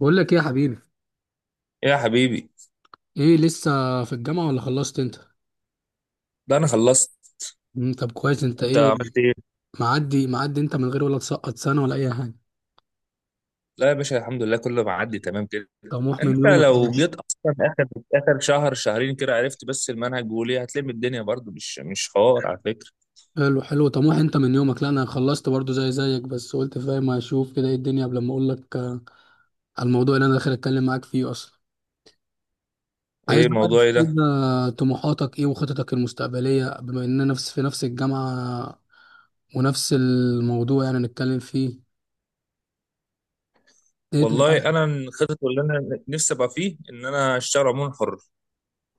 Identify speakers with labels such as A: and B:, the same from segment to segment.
A: بقول لك ايه يا حبيبي؟
B: إيه يا حبيبي؟
A: ايه لسه في الجامعة ولا خلصت انت؟
B: ده انا خلصت.
A: طب كويس، انت
B: انت
A: ايه؟
B: عملت ايه؟
A: معدي معدي، انت من غير ولا تسقط سنة ولا اي حاجة؟
B: لا يا باشا، الحمد لله كله معدي تمام كده.
A: طموح من
B: انت
A: يومك يا
B: لو
A: باشا.
B: جيت اصلا اخر اخر شهر شهرين كده عرفت بس المنهج، وليه هتلم الدنيا برضو؟ مش حوار على فكره.
A: حلو حلو، طموح انت من يومك. لا، انا خلصت برضو زي زيك، بس قلت فاهم اشوف كده ايه الدنيا قبل ما اقول لك على الموضوع اللي انا داخل اتكلم معاك فيه اصلا. عايز
B: ايه
A: بقى
B: الموضوع ايه ده؟
A: تفيدنا طموحاتك ايه وخططك المستقبلية، بما اننا في نفس الجامعة ونفس الموضوع يعني نتكلم فيه. ايه
B: والله
A: طموحاتك؟
B: انا الخطط اللي انا نفسي ابقى فيه ان انا اشتغل عموما حر.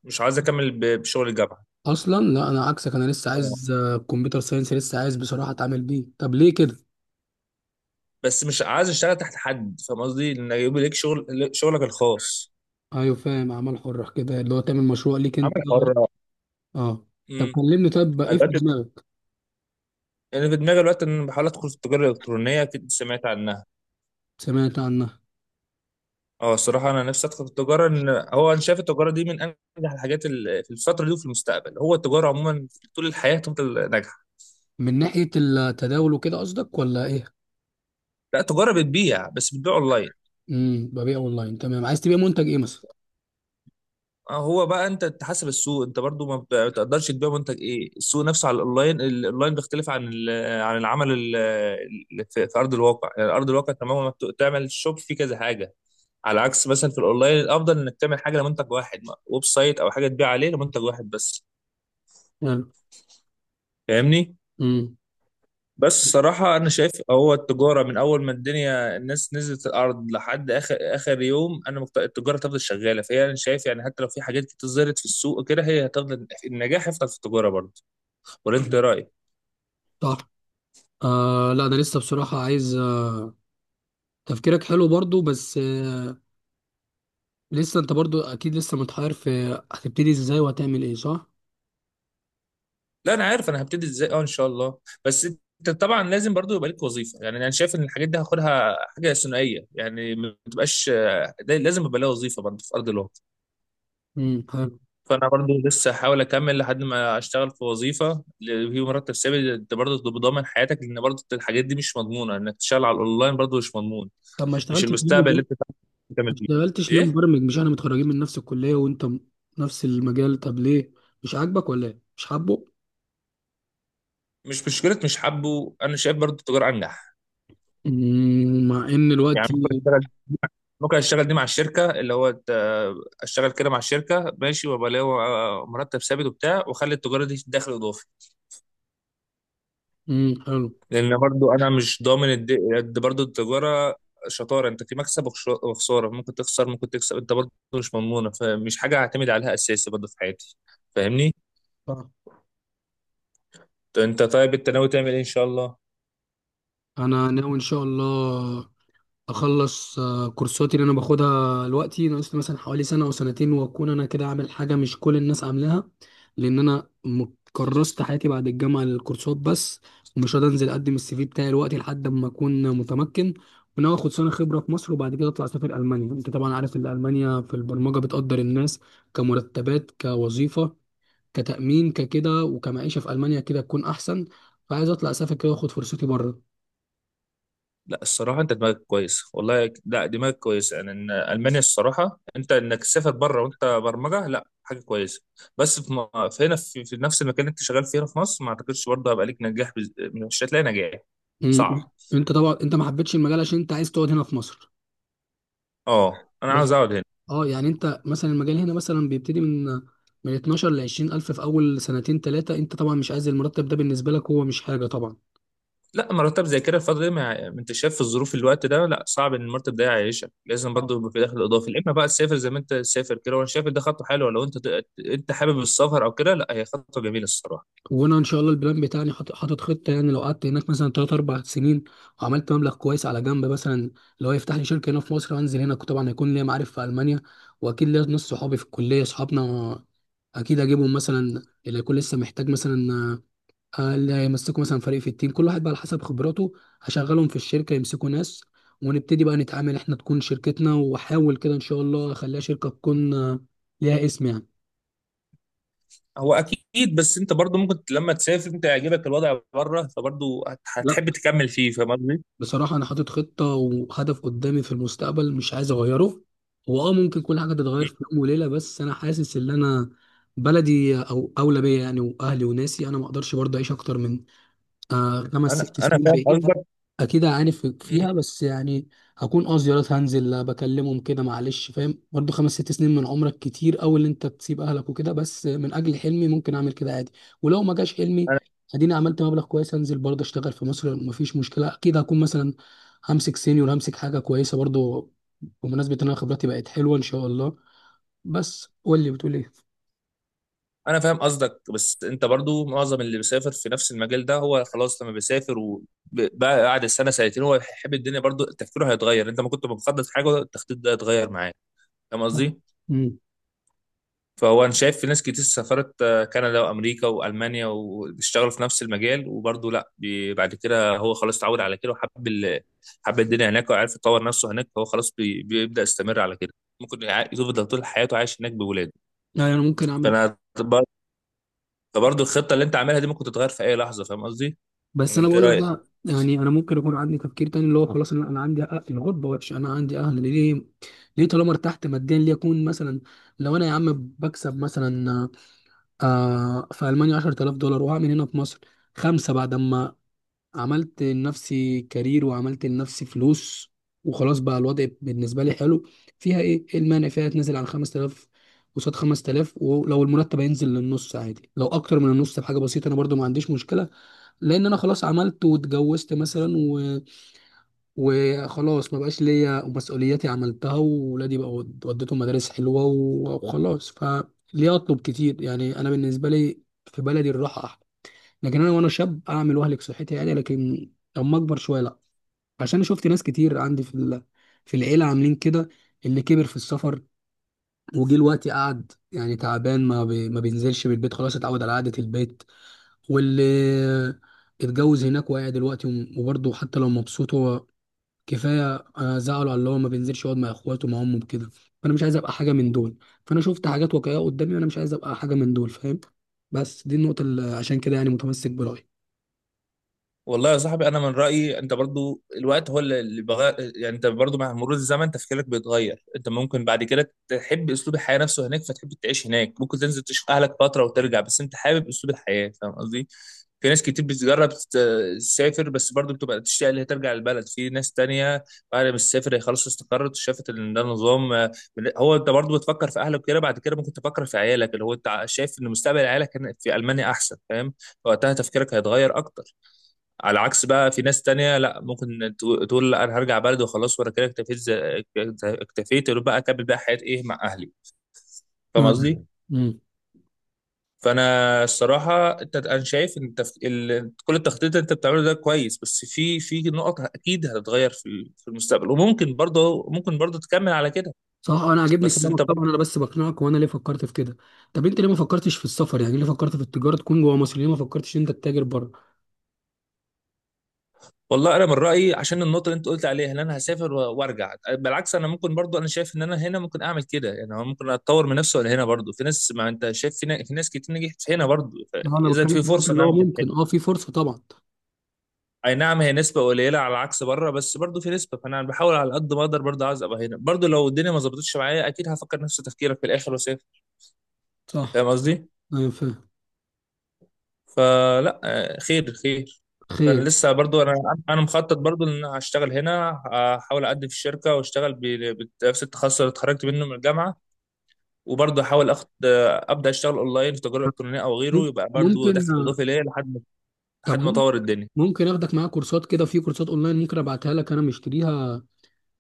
B: مش عايز اكمل بشغل الجامعه.
A: اصلا لا، انا عكسك. انا لسه
B: آه.
A: عايز كمبيوتر ساينس. لسه عايز بصراحه اتعامل بيه، طب ليه كده؟
B: بس مش عايز اشتغل تحت حد، فاهم قصدي؟ ان يبقى ليك شغل، شغلك الخاص.
A: ايوه فاهم، اعمال حره كده اللي هو تعمل مشروع ليك انت.
B: عمل حر.
A: اه. طب
B: امم
A: كلمني، طب ايه في
B: دلوقتي
A: دماغك؟
B: انا في دماغي دلوقتي ان انا بحاول ادخل في التجاره الالكترونيه، اكيد سمعت عنها.
A: سمعت عنها.
B: اه الصراحه انا نفسي ادخل التجاره، ان هو انا شايف التجاره دي من انجح الحاجات في الفتره دي وفي المستقبل. هو التجاره عموما طول الحياه تفضل ناجحه.
A: من ناحيه التداول وكده قصدك ولا ايه؟
B: لا التجاره بتبيع، بس بتبيع اونلاين.
A: ببيع اونلاين، تمام. عايز تبيع منتج ايه مثلا؟
B: اه هو بقى انت تحسب السوق، انت برضو ما بت- بتقدرش تبيع منتج ايه. السوق نفسه على الاونلاين، الاونلاين بيختلف عن عن العمل في في ارض الواقع. يعني ارض الواقع تماما ما بت- تعمل شوب فيه كذا حاجه، على عكس مثلا في الاونلاين الافضل انك تعمل حاجه لمنتج واحد، ويب سايت او حاجه تبيع عليه لمنتج واحد بس.
A: حلو.
B: فاهمني؟
A: امم.
B: بس صراحة أنا شايف هو التجارة من أول ما الدنيا الناس نزلت الأرض لحد آخر آخر يوم أنا التجارة تفضل شغالة. فهي أنا شايف يعني حتى لو في حاجات كتير ظهرت في السوق كده، هي هتفضل، النجاح هيفضل في التجارة برضه. ولا أنت إيه رأيك؟
A: صح. آه، لا، انا لسه بصراحه عايز تفكيرك حلو برضو، بس لسه انت برضو اكيد لسه متحير في هتبتدي ازاي وهتعمل ايه، صح؟
B: لا أنا عارف أنا هبتدي إزاي، أه إن شاء الله. بس أنت طبعا لازم برضه يبقى ليك وظيفة. يعني أنا شايف إن الحاجات دي هاخدها حاجة ثنائية، يعني ما تبقاش، ده لازم يبقى لها وظيفة برضه في أرض الواقع.
A: امم، حلو
B: فانا برضو لسه هحاول اكمل لحد ما اشتغل في وظيفه اللي فيه مرتب ثابت، انت برضو تبقى ضامن حياتك، لان برضو الحاجات دي مش مضمونه، انك تشتغل على الاونلاين برضو مش مضمون.
A: طب ما
B: مش
A: اشتغلتش
B: المستقبل اللي انت
A: ما
B: تعمل فيه؟
A: اشتغلتش ليه
B: ايه
A: مبرمج مش احنا متخرجين من نفس الكلية وانت م- نفس المجال طب ليه مش عاجبك ولا ايه مش حابه
B: مش مشكله؟ مش حابه. انا شايف برضو التجاره انجح.
A: مم، مع ان
B: يعني
A: الوقت
B: ممكن اشتغل، ممكن اشتغل دي مع الشركه اللي هو اشتغل كده مع الشركه، ماشي، وابقى ليا مرتب ثابت وبتاع، واخلي التجاره دي دخل اضافي.
A: مم، حلو.
B: لان برضو انا مش ضامن قد برضو التجاره شطاره، انت في مكسب وخساره، ممكن تخسر ممكن تكسب، انت برضو مش مضمونه، فمش حاجه هعتمد عليها اساسي برضو في حياتي. فاهمني؟
A: آه.
B: طب انت طيب انت ناوي تعمل ايه ان شاء الله؟
A: انا ناوي ان شاء الله اخلص كورساتي اللي انا باخدها دلوقتي، ناقص لي مثلا حوالي سنه او سنتين واكون انا كده عامل حاجه مش كل الناس عاملاها. لان انا كرست حياتي بعد الجامعه للكورسات بس. ومش هقدر انزل اقدم السي في بتاعي دلوقتي لحد ما اكون متمكن. وناوي اخد سنه خبره في مصر، وبعد كده اطلع اسافر المانيا. انت طبعا عارف ان المانيا في البرمجه بتقدر الناس كمرتبات كوظيفه كتامين ككده، وكمعيشه في المانيا كده تكون احسن. فعايز اطلع اسافر كده واخد فرصتي بره.
B: لا الصراحه انت دماغك كويس، والله لا دماغك كويس. يعني ان المانيا الصراحه انت انك تسافر بره وانت برمجه، لا حاجه كويسه. بس في, في هنا في, في نفس المكان اللي انت شغال فيه هنا في مصر، ما اعتقدش برضه هيبقى ليك نجاح مش هتلاقي نجاح.
A: مم.
B: صعب.
A: انت طبعا انت ما حبيتش المجال عشان انت عايز تقعد هنا في مصر؟
B: اه انا
A: بس
B: عاوز اقعد هنا.
A: اه، يعني انت مثلا المجال هنا مثلا بيبتدي من 12 ل 20 الف في اول سنتين 3. انت طبعا مش عايز المرتب ده، بالنسبه لك هو مش حاجه طبعا.
B: لا مرتب زي كده الفترة دي، ما انت شايف في الظروف في الوقت ده، لا صعب ان المرتب ده يعيشك. لازم
A: اه.
B: برضه يبقى في دخل اضافي، يا اما بقى تسافر زي ما انت تسافر كده. وانا شايف إن ده خطوه حلوه. لو انت انت حابب السفر او كده، لا هي خطوه جميله الصراحه.
A: وانا ان شاء الله البلان بتاعي حاطط خطه، يعني لو قعدت هناك مثلا 3 4 سنين وعملت مبلغ كويس على جنب، مثلا لو يفتح لي شركه هنا في مصر وانزل هنا، طبعا هيكون ليا معارف في المانيا واكيد ليا ناس صحابي في الكليه اصحابنا. اكيد اجيبهم مثلا اللي يكون لسه محتاج، مثلا اللي هيمسكوا مثلا فريق في التيم، كل واحد بقى على حسب خبراته هشغلهم في الشركة يمسكوا ناس ونبتدي بقى نتعامل احنا، تكون شركتنا. واحاول كده ان شاء الله اخليها شركة تكون ليها اسم يعني.
B: هو اكيد، بس انت برضه ممكن لما تسافر انت يعجبك الوضع بره، فبرضه
A: لا،
B: هتحب تكمل فيه. فاهم قصدي؟
A: بصراحة انا حاطط خطة وهدف قدامي في المستقبل، مش عايز اغيره. هو اه، ممكن كل حاجة تتغير
B: مم.
A: في يوم وليلة، بس انا حاسس ان انا بلدي او اولى بيا، يعني واهلي وناسي، انا ما اقدرش برضه اعيش اكتر من خمس
B: انا
A: ست
B: انا
A: سنين
B: فاهم
A: بعيد.
B: قصدك.
A: اكيد هعاني
B: مم.
A: فيها، بس يعني هكون زيارات هنزل بكلمهم كده. معلش فاهم، برضو 5 6 سنين من عمرك كتير اوي اللي انت تسيب اهلك وكده، بس من اجل حلمي ممكن اعمل كده عادي. ولو ما جاش حلمي، اديني عملت مبلغ كويس. انزل برضه اشتغل في مصر، مفيش مشكله، اكيد هكون مثلا همسك سينيور، همسك حاجه كويسه برضه، بمناسبه ان انا خبرتي بقت حلوه ان شاء الله. بس قول لي، بتقول ايه؟
B: انا فاهم قصدك، بس انت برضو معظم اللي بيسافر في نفس المجال ده هو خلاص لما بيسافر وبعد السنه سنتين هو يحب الدنيا، برضو تفكيره هيتغير. انت ما كنت مخطط حاجه، التخطيط ده هيتغير معاك. فاهم قصدي؟
A: امم.
B: فهو انا شايف في ناس كتير سافرت كندا وامريكا والمانيا واشتغلوا في نفس المجال، وبرضو لا بعد كده هو خلاص اتعود على كده، وحب حب الدنيا هناك، وعارف يطور نفسه هناك، فهو خلاص بيبدا يستمر على كده، ممكن يفضل طول حياته عايش هناك بولاده.
A: يعني انا ممكن اعمل.
B: فانا فبرضه الخطه اللي انت عاملها دي ممكن تتغير في اي لحظه. فاهم قصدي؟
A: بس
B: ولا
A: انا
B: انت إيه
A: بقول لك
B: رايك؟
A: بقى، يعني انا ممكن يكون عندي تفكير تاني اللي هو خلاص، انا عندي حق، الغربه وحش، انا عندي اهل، ليه؟ ليه طالما ارتحت ماديا؟ ليه اكون مثلا، لو انا يا عم بكسب مثلا في المانيا 10,000 دولار، وهعمل هنا في مصر خمسه بعد ما عملت لنفسي كارير وعملت لنفسي فلوس وخلاص، بقى الوضع بالنسبه لي حلو. فيها ايه؟ المانع فيها تنزل عن 5000 قصاد 5000؟ ولو المرتب هينزل للنص عادي، لو اكتر من النص بحاجه بسيطه انا برضو ما عنديش مشكله. لان انا خلاص عملت واتجوزت مثلا وخلاص ما بقاش ليا مسؤولياتي، عملتها، وولادي بقى وديتهم مدارس حلوه وخلاص. فليه اطلب كتير، يعني انا بالنسبه لي في بلدي الراحه احلى. لكن انا وانا شاب اعمل واهلك صحتي، عادي. لكن لما اكبر شويه لا، عشان شفت ناس كتير عندي في في العيله عاملين كده، اللي كبر في السفر وجه الوقت قعد يعني تعبان، ما بينزلش من البيت خلاص، اتعود على قعده البيت. واللي اتجوز هناك وقاعد دلوقتي، وبرضه حتى لو مبسوط هو كفايه زعله على اللي هو ما بينزلش يقعد مع اخواته مع امه كده. فانا مش عايز ابقى حاجه من دول. فانا شفت حاجات واقعيه قدامي، وانا مش عايز ابقى حاجه من دول، فاهم؟ بس دي النقطه اللي عشان كده يعني متمسك برايي.
B: والله يا صاحبي انا من رايي انت برضو الوقت هو اللي بغير. يعني انت برضو مع مرور الزمن تفكيرك بيتغير. انت ممكن بعد كده تحب اسلوب الحياه نفسه هناك فتحب تعيش هناك، ممكن تنزل تشوف اهلك فتره وترجع، بس انت حابب اسلوب الحياه. فاهم قصدي؟ في ناس كتير بتجرب تسافر بس برضو بتبقى تشتاق اللي هي ترجع البلد. في ناس تانية بعد ما تسافر هي خلاص استقرت وشافت ان ده نظام، هو انت برضو بتفكر في اهلك كده، بعد كده ممكن تفكر في عيالك، اللي هو انت شايف ان مستقبل عيالك هنا في المانيا احسن. فاهم؟ وقتها تفكيرك هيتغير اكتر، على عكس بقى في ناس تانية لا، ممكن تقول لا انا هرجع بلدي وخلاص وانا كده اكتفيت، اكتفيت يبقى بقى اكمل بقى حياتي ايه مع اهلي. فاهم
A: نعم.
B: قصدي؟
A: امم.
B: فانا الصراحه انت انا شايف ان كل التخطيط اللي انت بتعمله ده كويس، بس في في نقط اكيد هتتغير في في المستقبل، وممكن برضه ممكن برضه تكمل على كده.
A: صح. انا عاجبني
B: بس
A: كلامك
B: انت،
A: طبعا، انا بس بقنعك وانا ليه فكرت في كده. طب انت ليه ما فكرتش في السفر، يعني ليه فكرت في التجاره تكون جوه مصر، ليه ما فكرتش إن انت تتاجر بره؟
B: والله انا من رايي عشان النقطه اللي انت قلت عليها ان انا هسافر وارجع، بالعكس انا ممكن برضو، انا شايف ان انا هنا ممكن اعمل كده. يعني أنا ممكن اتطور من نفسي، ولا هنا برضو في ناس، ما انت شايف في, في ناس كتير نجحت هنا برضو
A: انا
B: اذا
A: بتكلم في
B: في
A: النقطه
B: فرصه ان
A: اللي
B: انا
A: هو
B: انجح
A: ممكن
B: هنا.
A: في فرصه طبعا.
B: اي نعم هي نسبه قليله على عكس بره، بس برضو في نسبه، فانا بحاول على قد ما اقدر برضو عايز ابقى هنا. برضو لو الدنيا ما ظبطتش معايا اكيد هفكر نفس تفكيرك في الاخر واسافر.
A: صح.
B: فاهم قصدي؟
A: ايوه فاهم.
B: فلا خير خير. فانا
A: خير.
B: لسه برضو انا مخطط برضو ان انا هشتغل هنا، احاول اقدم في الشركه واشتغل بنفس التخصص اللي اتخرجت منه من الجامعه، وبرضه احاول اخد ابدا اشتغل اونلاين في تجاره الكترونيه او غيره،
A: مم-
B: يبقى برضه
A: ممكن.
B: دخل اضافي ليا لحد ما،
A: طب
B: لحد ما اطور الدنيا.
A: ممكن اخدك معايا كورسات كده، في كورسات اونلاين ممكن ابعتها لك انا مشتريها،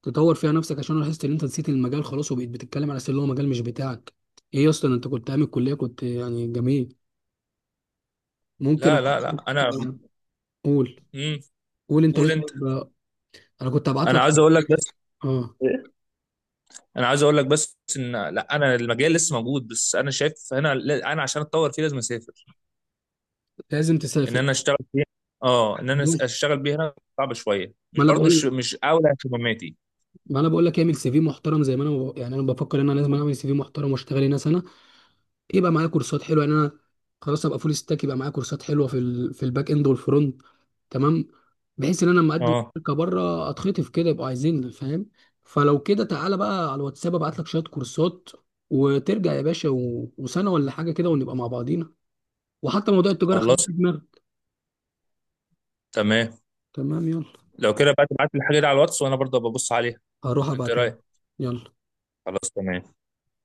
A: تطور فيها نفسك. عشان أنا لاحظت ان انت نسيت المجال خلاص، وبقيت بتتكلم على أساس ان هو مجال مش بتاعك. ايه اصلا؟ انت كنت عامل كلية كنت يعني جميل. ممكن
B: لا لا لا انا
A: قول.
B: امم
A: قول انت ليه
B: قول انت.
A: طيب. انا كنت ابعت
B: انا
A: لك.
B: عايز اقول لك بس.
A: اه.
B: إيه؟ انا عايز اقول لك بس ان لا انا المجال لسه موجود، بس انا شايف هنا لا، انا عشان اتطور فيه لازم اسافر.
A: لازم
B: ان
A: تسافر.
B: انا اشتغل فيها. اه ان انا
A: ما
B: اشتغل بيها هنا صعب شويه، مش
A: انا
B: برضه، مش
A: بقول
B: مش اولى اهتماماتي.
A: ما انا بقول لك اعمل سي في محترم، زي ما انا يعني انا بفكر ان انا لازم اعمل سي في محترم واشتغل هنا سنة. يبقى معايا كورسات حلوه، يعني انا خلاص ابقى فول ستاك، يبقى معايا كورسات حلوه في في الباك اند والفرونت. تمام. بحيث ان انا لما اقدم
B: اه.
A: شركه بره اتخطف كده، يبقوا عايزيني، فاهم؟ فلو كده تعالى بقى على الواتساب، ابعت لك شويه كورسات وترجع يا باشا وسنه ولا حاجه كده ونبقى مع بعضينا. وحتى موضوع التجاره خليه
B: خلاص
A: في دماغك.
B: تمام.
A: تمام، يلا.
B: لو كده بقى تبعت لي الحاجه دي على الواتس وانا برضه ببص عليها.
A: هروح
B: انت إيه
A: ابعتها،
B: رايك؟
A: يلا.
B: خلاص تمام.